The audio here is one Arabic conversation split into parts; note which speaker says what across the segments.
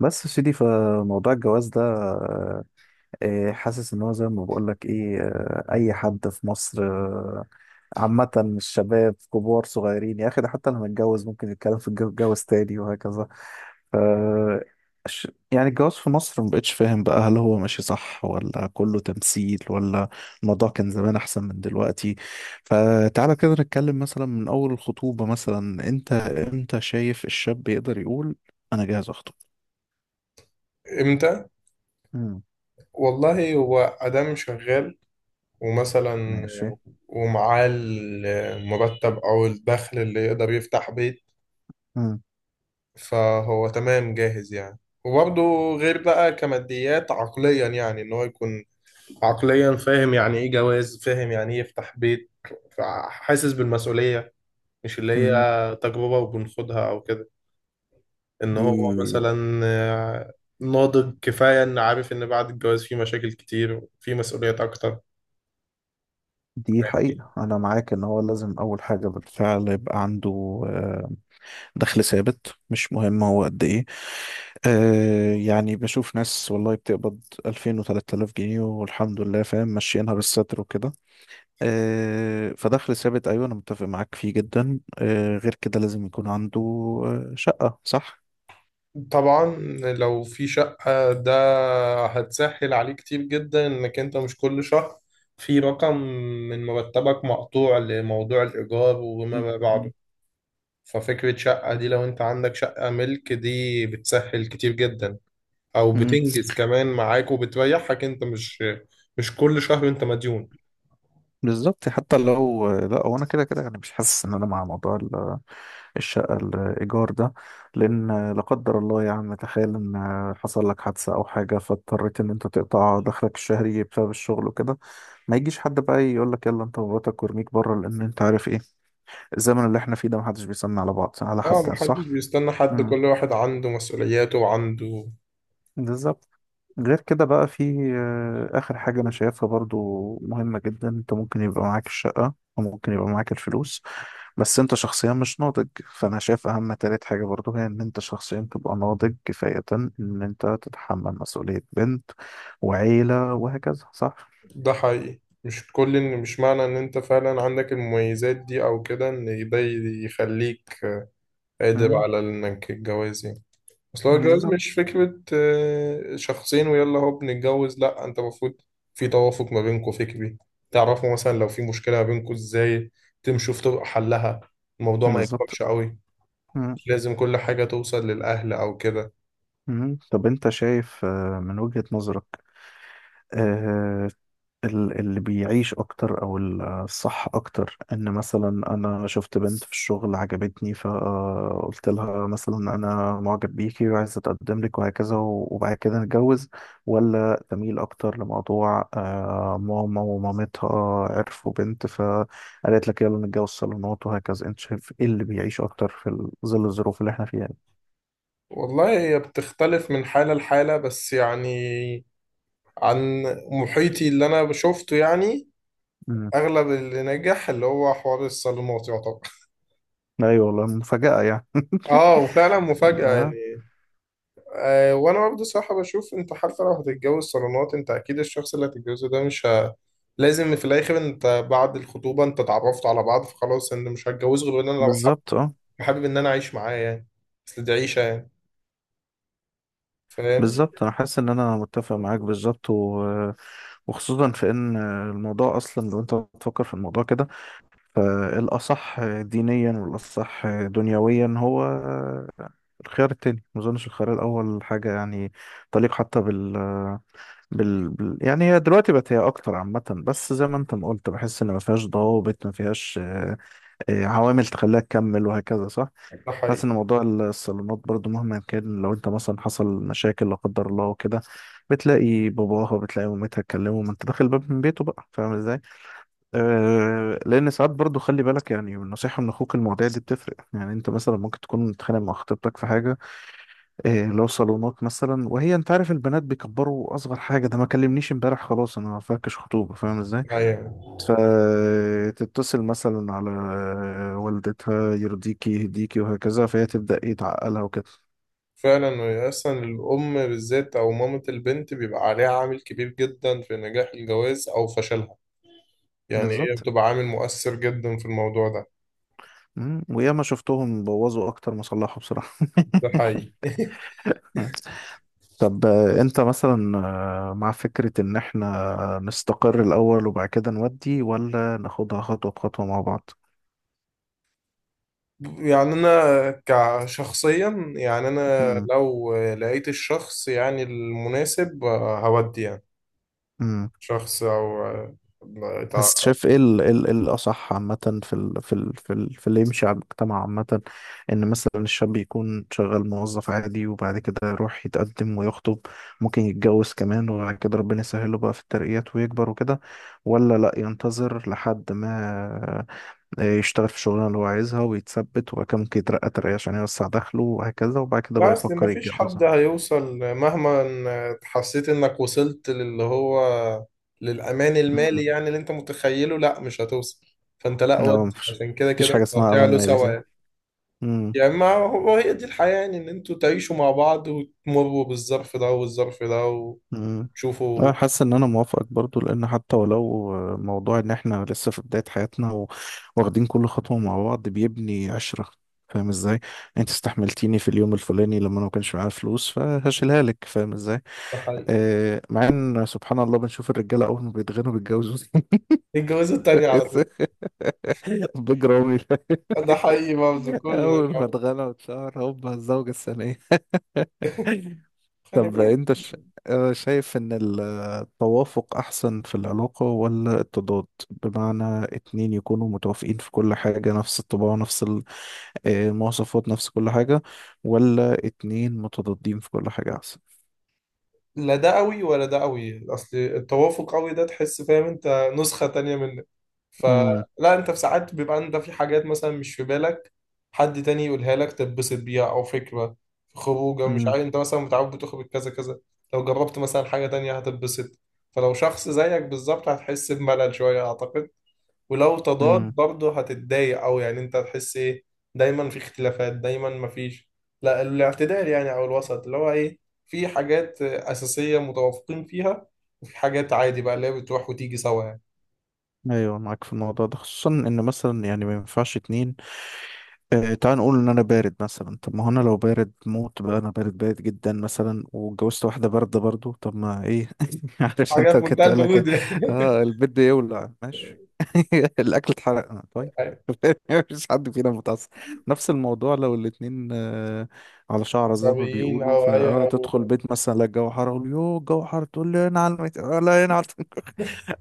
Speaker 1: بس يا سيدي، فموضوع الجواز ده، حاسس ان هو زي ما بقول لك ايه، اي حد في مصر. عامة الشباب كبار صغيرين يا اخي، ده حتى لما اتجوز ممكن يتكلم في الجواز تاني وهكذا. ف يعني الجواز في مصر مبقتش فاهم بقى، هل هو ماشي صح، ولا كله تمثيل، ولا الموضوع كان زمان احسن من دلوقتي؟ فتعالى كده نتكلم مثلا من اول الخطوبة. مثلا انت امتى شايف الشاب يقدر يقول انا جاهز اخطب؟
Speaker 2: امتى؟ والله هو ادم شغال، ومثلا
Speaker 1: ماشي.
Speaker 2: ومعاه المرتب او الدخل اللي يقدر يفتح بيت،
Speaker 1: مم.
Speaker 2: فهو تمام جاهز يعني. وبرضه غير بقى كماديات، عقليا يعني ان هو يكون عقليا فاهم يعني ايه جواز، فاهم يعني ايه يفتح بيت، حاسس بالمسؤولية، مش اللي هي
Speaker 1: مم.
Speaker 2: تجربة وبنخدها او كده. ان هو
Speaker 1: دي
Speaker 2: مثلا ناضج كفاية، ان عارف ان بعد الجواز في مشاكل كتير وفي مسؤوليات اكتر.
Speaker 1: دي
Speaker 2: فاهمني؟
Speaker 1: حقيقة، أنا معاك إن هو لازم أول حاجة بالفعل يبقى عنده آه، دخل ثابت، مش مهم هو قد إيه. يعني بشوف ناس والله بتقبض 2000 و3000 جنيه، والحمد لله فاهم ماشيينها بالستر وكده. فدخل ثابت أيوه، أنا متفق معاك فيه جدا. غير كده لازم يكون عنده شقة، صح؟
Speaker 2: طبعا. لو في شقة، ده هتسهل عليه كتير جدا، انك انت مش كل شهر في رقم من مرتبك مقطوع لموضوع الإيجار
Speaker 1: مم.
Speaker 2: وما بعده. ففكرة شقة دي، لو انت عندك شقة ملك، دي بتسهل كتير جدا، او
Speaker 1: مم.
Speaker 2: بتنجز كمان معاك وبتريحك، انت مش كل شهر انت مديون.
Speaker 1: بالظبط. حتى لو لا، هو انا كده كده يعني مش حاسس ان انا مع موضوع الشقه الايجار ده، لان لا قدر الله يا عم، تخيل ان حصل لك حادثه او حاجه فاضطريت ان انت تقطع دخلك الشهري بسبب الشغل وكده، ما يجيش حد بقى يقول لك يلا انت ومراتك، وارميك بره، لان انت عارف ايه الزمن اللي احنا فيه ده، محدش بيسمع على بعض، على حد
Speaker 2: اه، محدش
Speaker 1: صح.
Speaker 2: بيستنى حد،
Speaker 1: امم
Speaker 2: كل واحد عنده مسؤولياته وعنده.
Speaker 1: بالظبط. غير كده بقى في آخر حاجة أنا شايفها برضو مهمة جدا. أنت ممكن يبقى معاك الشقة، وممكن يبقى معاك الفلوس، بس انت شخصيا مش ناضج. فانا شايف اهم تالت حاجة برضو هي ان انت شخصيا تبقى ناضج كفاية ان انت تتحمل مسؤولية بنت وعيلة وهكذا، صح.
Speaker 2: ده حقيقي، مش معنى ان انت فعلا عندك المميزات دي او كده ان ده يخليك قادر
Speaker 1: مم،
Speaker 2: على انك الجواز يعني. اصل هو الجواز
Speaker 1: بالظبط.
Speaker 2: مش فكرة شخصين ويلا هو بنتجوز، لا انت المفروض في توافق ما بينكم فكري، تعرفوا مثلا لو في مشكلة ما بينكم ازاي تمشوا في طرق حلها، الموضوع ما
Speaker 1: بالظبط.
Speaker 2: يكبرش قوي.
Speaker 1: مم.
Speaker 2: مش لازم كل حاجة توصل للأهل او كده.
Speaker 1: مم. طب انت شايف من وجهة نظرك، آه، اللي بيعيش اكتر، او الصح اكتر، ان مثلا انا شفت بنت في الشغل عجبتني فقلت لها مثلا انا معجب بيكي وعايز اتقدم لك وهكذا، وبعد كده نتجوز، ولا تميل اكتر لموضوع ماما ومامتها عرفوا بنت فقالت لك يلا نتجوز صالونات وهكذا؟ انت شايف ايه اللي بيعيش اكتر في ظل الظروف اللي احنا فيها دي؟
Speaker 2: والله هي بتختلف من حالة لحالة، بس يعني عن محيطي اللي انا شفته يعني،
Speaker 1: مم.
Speaker 2: اغلب اللي نجح اللي هو حوار الصالونات يعتبر.
Speaker 1: ايوه والله، مفاجأة يعني
Speaker 2: اه، وفعلا مفاجأة
Speaker 1: آه،
Speaker 2: يعني. آه، وانا برضه صراحة بشوف انت حتى لو هتتجوز صالونات، انت اكيد الشخص اللي هتتجوزه ده مش ه... لازم في الاخر، انت بعد الخطوبة انت اتعرفت على بعض، فخلاص انت مش هتجوز غير انا لو حابب
Speaker 1: بالظبط، اه.
Speaker 2: ان انا اعيش معاه يعني. اصل دي عيشة يعني. فاهم؟
Speaker 1: بالظبط، انا حاسس ان انا متفق معاك بالظبط. وخصوصا في ان الموضوع اصلا، لو انت بتفكر في الموضوع كده، فالاصح دينيا والاصح دنيويا هو الخيار التاني. ما اظنش الخيار الاول حاجه يعني تليق حتى بال... بال... بال يعني. هي دلوقتي بقت هي اكتر عامه، بس زي ما انت ما قلت، بحس ان ما فيهاش ضوابط، ما فيهاش عوامل تخليها تكمل وهكذا، صح.
Speaker 2: ده حقيقي.
Speaker 1: حاسس ان موضوع الصالونات برضو مهما كان، لو انت مثلا حصل مشاكل لا قدر الله وكده، بتلاقي باباها، بتلاقي مامتها اتكلموا، ما انت داخل باب من بيته بقى. فاهم ازاي؟ آه، لان ساعات برضو خلي بالك يعني، النصيحه من اخوك، المواضيع دي بتفرق يعني. انت مثلا ممكن تكون متخانق مع خطيبتك في حاجه، آه، لو صالونات مثلا، وهي انت عارف البنات بيكبروا، اصغر حاجه ده ما كلمنيش امبارح، خلاص انا ما فاكش خطوبه. فاهم ازاي؟
Speaker 2: ايوه،
Speaker 1: فتتصل مثلا على والدتها، يرضيكي يهديكي وهكذا، فهي تبدا ايه تعقلها وكده.
Speaker 2: فعلا اصلا الام بالذات او مامة البنت بيبقى عليها عامل كبير جدا في نجاح الجواز او فشلها، يعني هي
Speaker 1: بالظبط.
Speaker 2: بتبقى عامل مؤثر جدا في الموضوع ده.
Speaker 1: مم. وياما شفتهم بوظوا اكتر ما صلحوا بصراحة
Speaker 2: ده حقيقي.
Speaker 1: طب انت مثلا مع فكرة ان احنا نستقر الاول وبعد كده نودي، ولا ناخدها خطوة بخطوة مع بعض؟
Speaker 2: يعني انا كشخصيا، يعني انا
Speaker 1: مم.
Speaker 2: لو لقيت الشخص يعني المناسب، هودي يعني
Speaker 1: مم.
Speaker 2: شخص او آه، لا
Speaker 1: بس
Speaker 2: تع-
Speaker 1: شايف ايه إيه إيه الأصح عامة، في اللي يمشي على المجتمع عامة؟ إن مثلا الشاب يكون شغال موظف عادي وبعد كده يروح يتقدم ويخطب، ممكن يتجوز كمان، وبعد كده ربنا يسهله بقى في الترقيات ويكبر وكده، ولا لأ ينتظر لحد ما يشتغل في الشغلانة اللي هو عايزها ويتثبت، وبعد كده ممكن يترقى ترقية عشان يوسع دخله وهكذا، وبعد كده
Speaker 2: لا،
Speaker 1: بقى
Speaker 2: اصل ما
Speaker 1: يفكر
Speaker 2: فيش
Speaker 1: يتجوز؟
Speaker 2: حد هيوصل، مهما إن حسيت انك وصلت للي هو للامان المالي
Speaker 1: مم.
Speaker 2: يعني اللي انت متخيله، لا مش هتوصل. فانت لا،
Speaker 1: لا،
Speaker 2: ودي
Speaker 1: مفيش
Speaker 2: عشان كده
Speaker 1: مفيش
Speaker 2: كده
Speaker 1: حاجة
Speaker 2: انت
Speaker 1: اسمها أمان
Speaker 2: هتعلو
Speaker 1: مالي،
Speaker 2: سوا
Speaker 1: صح؟
Speaker 2: يعني. يعني ما هو هي دي الحياة يعني، إن أنتوا تعيشوا مع بعض وتمروا بالظرف ده والظرف ده
Speaker 1: مم. أنا
Speaker 2: وتشوفوا.
Speaker 1: حاسس إن أنا موافقك برضو، لأن حتى ولو موضوع إن إحنا لسه في بداية حياتنا، واخدين كل خطوة مع بعض بيبني عشرة. فاهم إزاي؟ أنت استحملتيني في اليوم الفلاني لما أنا ما كانش معايا فلوس، فهشيلها لك. فاهم إزاي؟
Speaker 2: ده حقيقي.
Speaker 1: آه، مع إن سبحان الله بنشوف الرجالة أول ما بيتغنوا بيتجوزوا
Speaker 2: الجوازة التانية على طول.
Speaker 1: بجرامي،
Speaker 2: ده حقيقي برضه، كله مش
Speaker 1: أول ما
Speaker 2: عارف.
Speaker 1: اتغنى واتشهر، هوبا الزوجة الثانية.
Speaker 2: خلي
Speaker 1: طب
Speaker 2: بالك.
Speaker 1: انت ش... آه، شايف ان التوافق احسن في العلاقة، ولا التضاد؟ بمعنى اتنين يكونوا متوافقين في كل حاجة، نفس الطباع، نفس المواصفات، نفس كل حاجة، ولا اتنين متضادين في كل حاجة احسن؟
Speaker 2: لا ده قوي ولا ده قوي، اصل التوافق قوي ده تحس فاهم انت نسخة تانية منك،
Speaker 1: امم.
Speaker 2: فلا انت في ساعات بيبقى انت في حاجات مثلا مش في بالك، حد تاني يقولها لك تتبسط بيها، او فكرة في خروجه، مش
Speaker 1: امم.
Speaker 2: عارف انت مثلا متعود بتخرج كذا كذا، لو جربت مثلا حاجة تانية هتتبسط. فلو شخص زيك بالظبط هتحس بملل شوية اعتقد. ولو تضاد
Speaker 1: امم.
Speaker 2: برضه هتتضايق أوي، يعني أنت هتحس إيه، دايما في اختلافات، دايما مفيش. لا، الاعتدال يعني أو الوسط، اللي هو إيه، في حاجات أساسية متوافقين فيها، وفي حاجات عادي بقى اللي هي بتروح وتيجي سوا يعني.
Speaker 1: ايوه، معاك في الموضوع ده، خصوصا ان مثلا يعني ما ينفعش اتنين، تعال نقول ان انا بارد مثلا، طب ما هو انا لو بارد موت بقى، انا بارد بارد جدا مثلا، واتجوزت واحده بارده برضو، طب ما ايه عارف
Speaker 2: حاجات
Speaker 1: انت،
Speaker 2: في منتهى
Speaker 1: كنت قال
Speaker 2: البرود.
Speaker 1: لك اه البيت بيولع، ماشي الاكل اتحرق، طيب
Speaker 2: أيوة.
Speaker 1: مفيش حد فينا متعصب. نفس الموضوع لو الاتنين على شعره زي ما
Speaker 2: عصبيين
Speaker 1: بيقولوا،
Speaker 2: أو أي
Speaker 1: فاه
Speaker 2: أو
Speaker 1: تدخل بيت مثلا، لا الجو حر، اقول يو الجو حر، تقول لي انا على الميت، لا انا على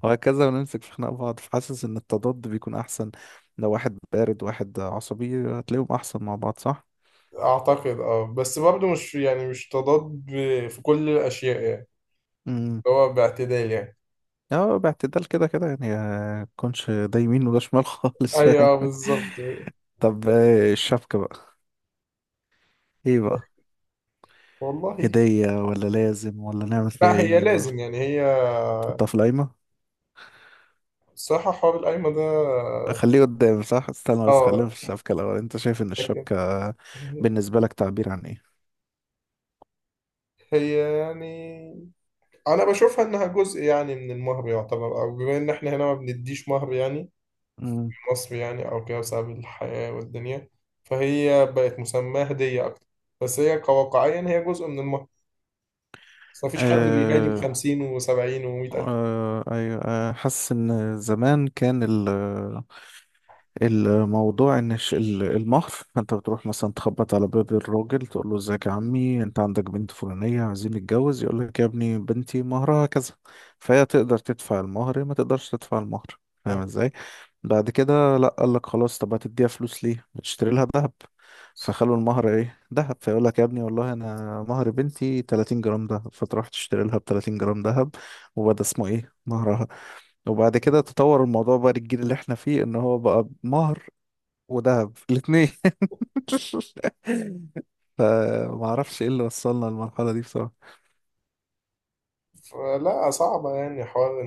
Speaker 1: وهكذا، ونمسك في خناق بعض. فحاسس ان التضاد بيكون احسن. لو واحد بارد واحد عصبي، هتلاقيهم احسن مع بعض، صح.
Speaker 2: أعتقد أه، بس برضه مش يعني مش تضاد في كل الأشياء يعني،
Speaker 1: امم.
Speaker 2: اللي هو باعتدال يعني.
Speaker 1: اه، باعتدال كده كده يعني، كونش ده يمين وده شمال خالص، فاهم.
Speaker 2: أيوه بالظبط.
Speaker 1: طب الشبكة بقى ايه بقى،
Speaker 2: والله.
Speaker 1: هدية ولا لازم، ولا نعمل فيها
Speaker 2: لا هي
Speaker 1: ايه، ولا
Speaker 2: لازم، يعني هي
Speaker 1: تحطها في القايمة؟
Speaker 2: الصراحة حوار القايمة ده.
Speaker 1: خليه قدام، صح، استنى بس.
Speaker 2: اه.
Speaker 1: خلينا في الشبكة الأول. أنت شايف إن
Speaker 2: لكن
Speaker 1: الشبكة بالنسبة لك تعبير عن إيه؟
Speaker 2: هي يعني أنا بشوفها إنها جزء يعني من المهر يعتبر، أو بما إن إحنا هنا ما بنديش مهر، يعني في مصر يعني أو كده بسبب الحياة والدنيا، فهي بقت مسماة هدية أكتر، بس هي كواقعيا هي جزء من المهر، بس مفيش حد بيهادي
Speaker 1: امم.
Speaker 2: بـ50 و70 و100,000.
Speaker 1: أيوة، حاسس إن زمان كان الموضوع، إن المهر، أنت بتروح مثلا تخبط على باب الراجل، تقول له إزيك يا عمي، أنت عندك بنت فلانية، عايزين نتجوز، يقول لك يا ابني، بنتي مهرها كذا، فهي تقدر تدفع المهر، ما تقدرش تدفع المهر. فاهم
Speaker 2: آه.
Speaker 1: إزاي؟ بعد كده لا، قال لك خلاص، طب هتديها فلوس ليه، اشتري لها ذهب. فخلوا المهر ايه، ذهب. فيقول لك يا ابني والله انا مهر بنتي 30 جرام ذهب، فتروح تشتري لها ب 30 جرام ذهب، وبدا اسمه ايه، مهرها. وبعد كده تطور الموضوع بقى للجيل اللي احنا فيه، ان هو بقى مهر وذهب الاثنين فما اعرفش ايه اللي وصلنا للمرحله دي بصراحه.
Speaker 2: فلا صعبة يعني، حوار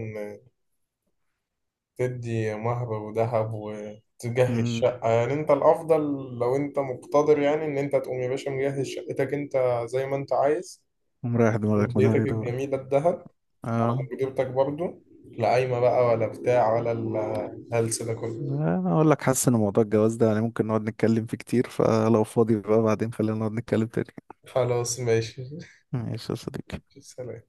Speaker 2: تدي مهر وذهب وتجهز
Speaker 1: امم.
Speaker 2: شقة، يعني انت الافضل لو انت مقتدر، يعني ان انت تقوم يا باشا مجهز شقتك انت زي ما انت عايز،
Speaker 1: ومريح دماغك من الهري
Speaker 2: وبديتك
Speaker 1: ده بقى.
Speaker 2: الجميلة الذهب على
Speaker 1: اه،
Speaker 2: مقدرتك برضو، لا قايمة بقى ولا بتاع ولا الهلس ده كله.
Speaker 1: انا اقول لك حاسس ان موضوع الجواز ده يعني ممكن نقعد نتكلم فيه كتير، فلو فاضي بقى بعدين خلينا نقعد نتكلم تاني.
Speaker 2: خلاص ماشي.
Speaker 1: ماشي يا صديقي.
Speaker 2: سلام.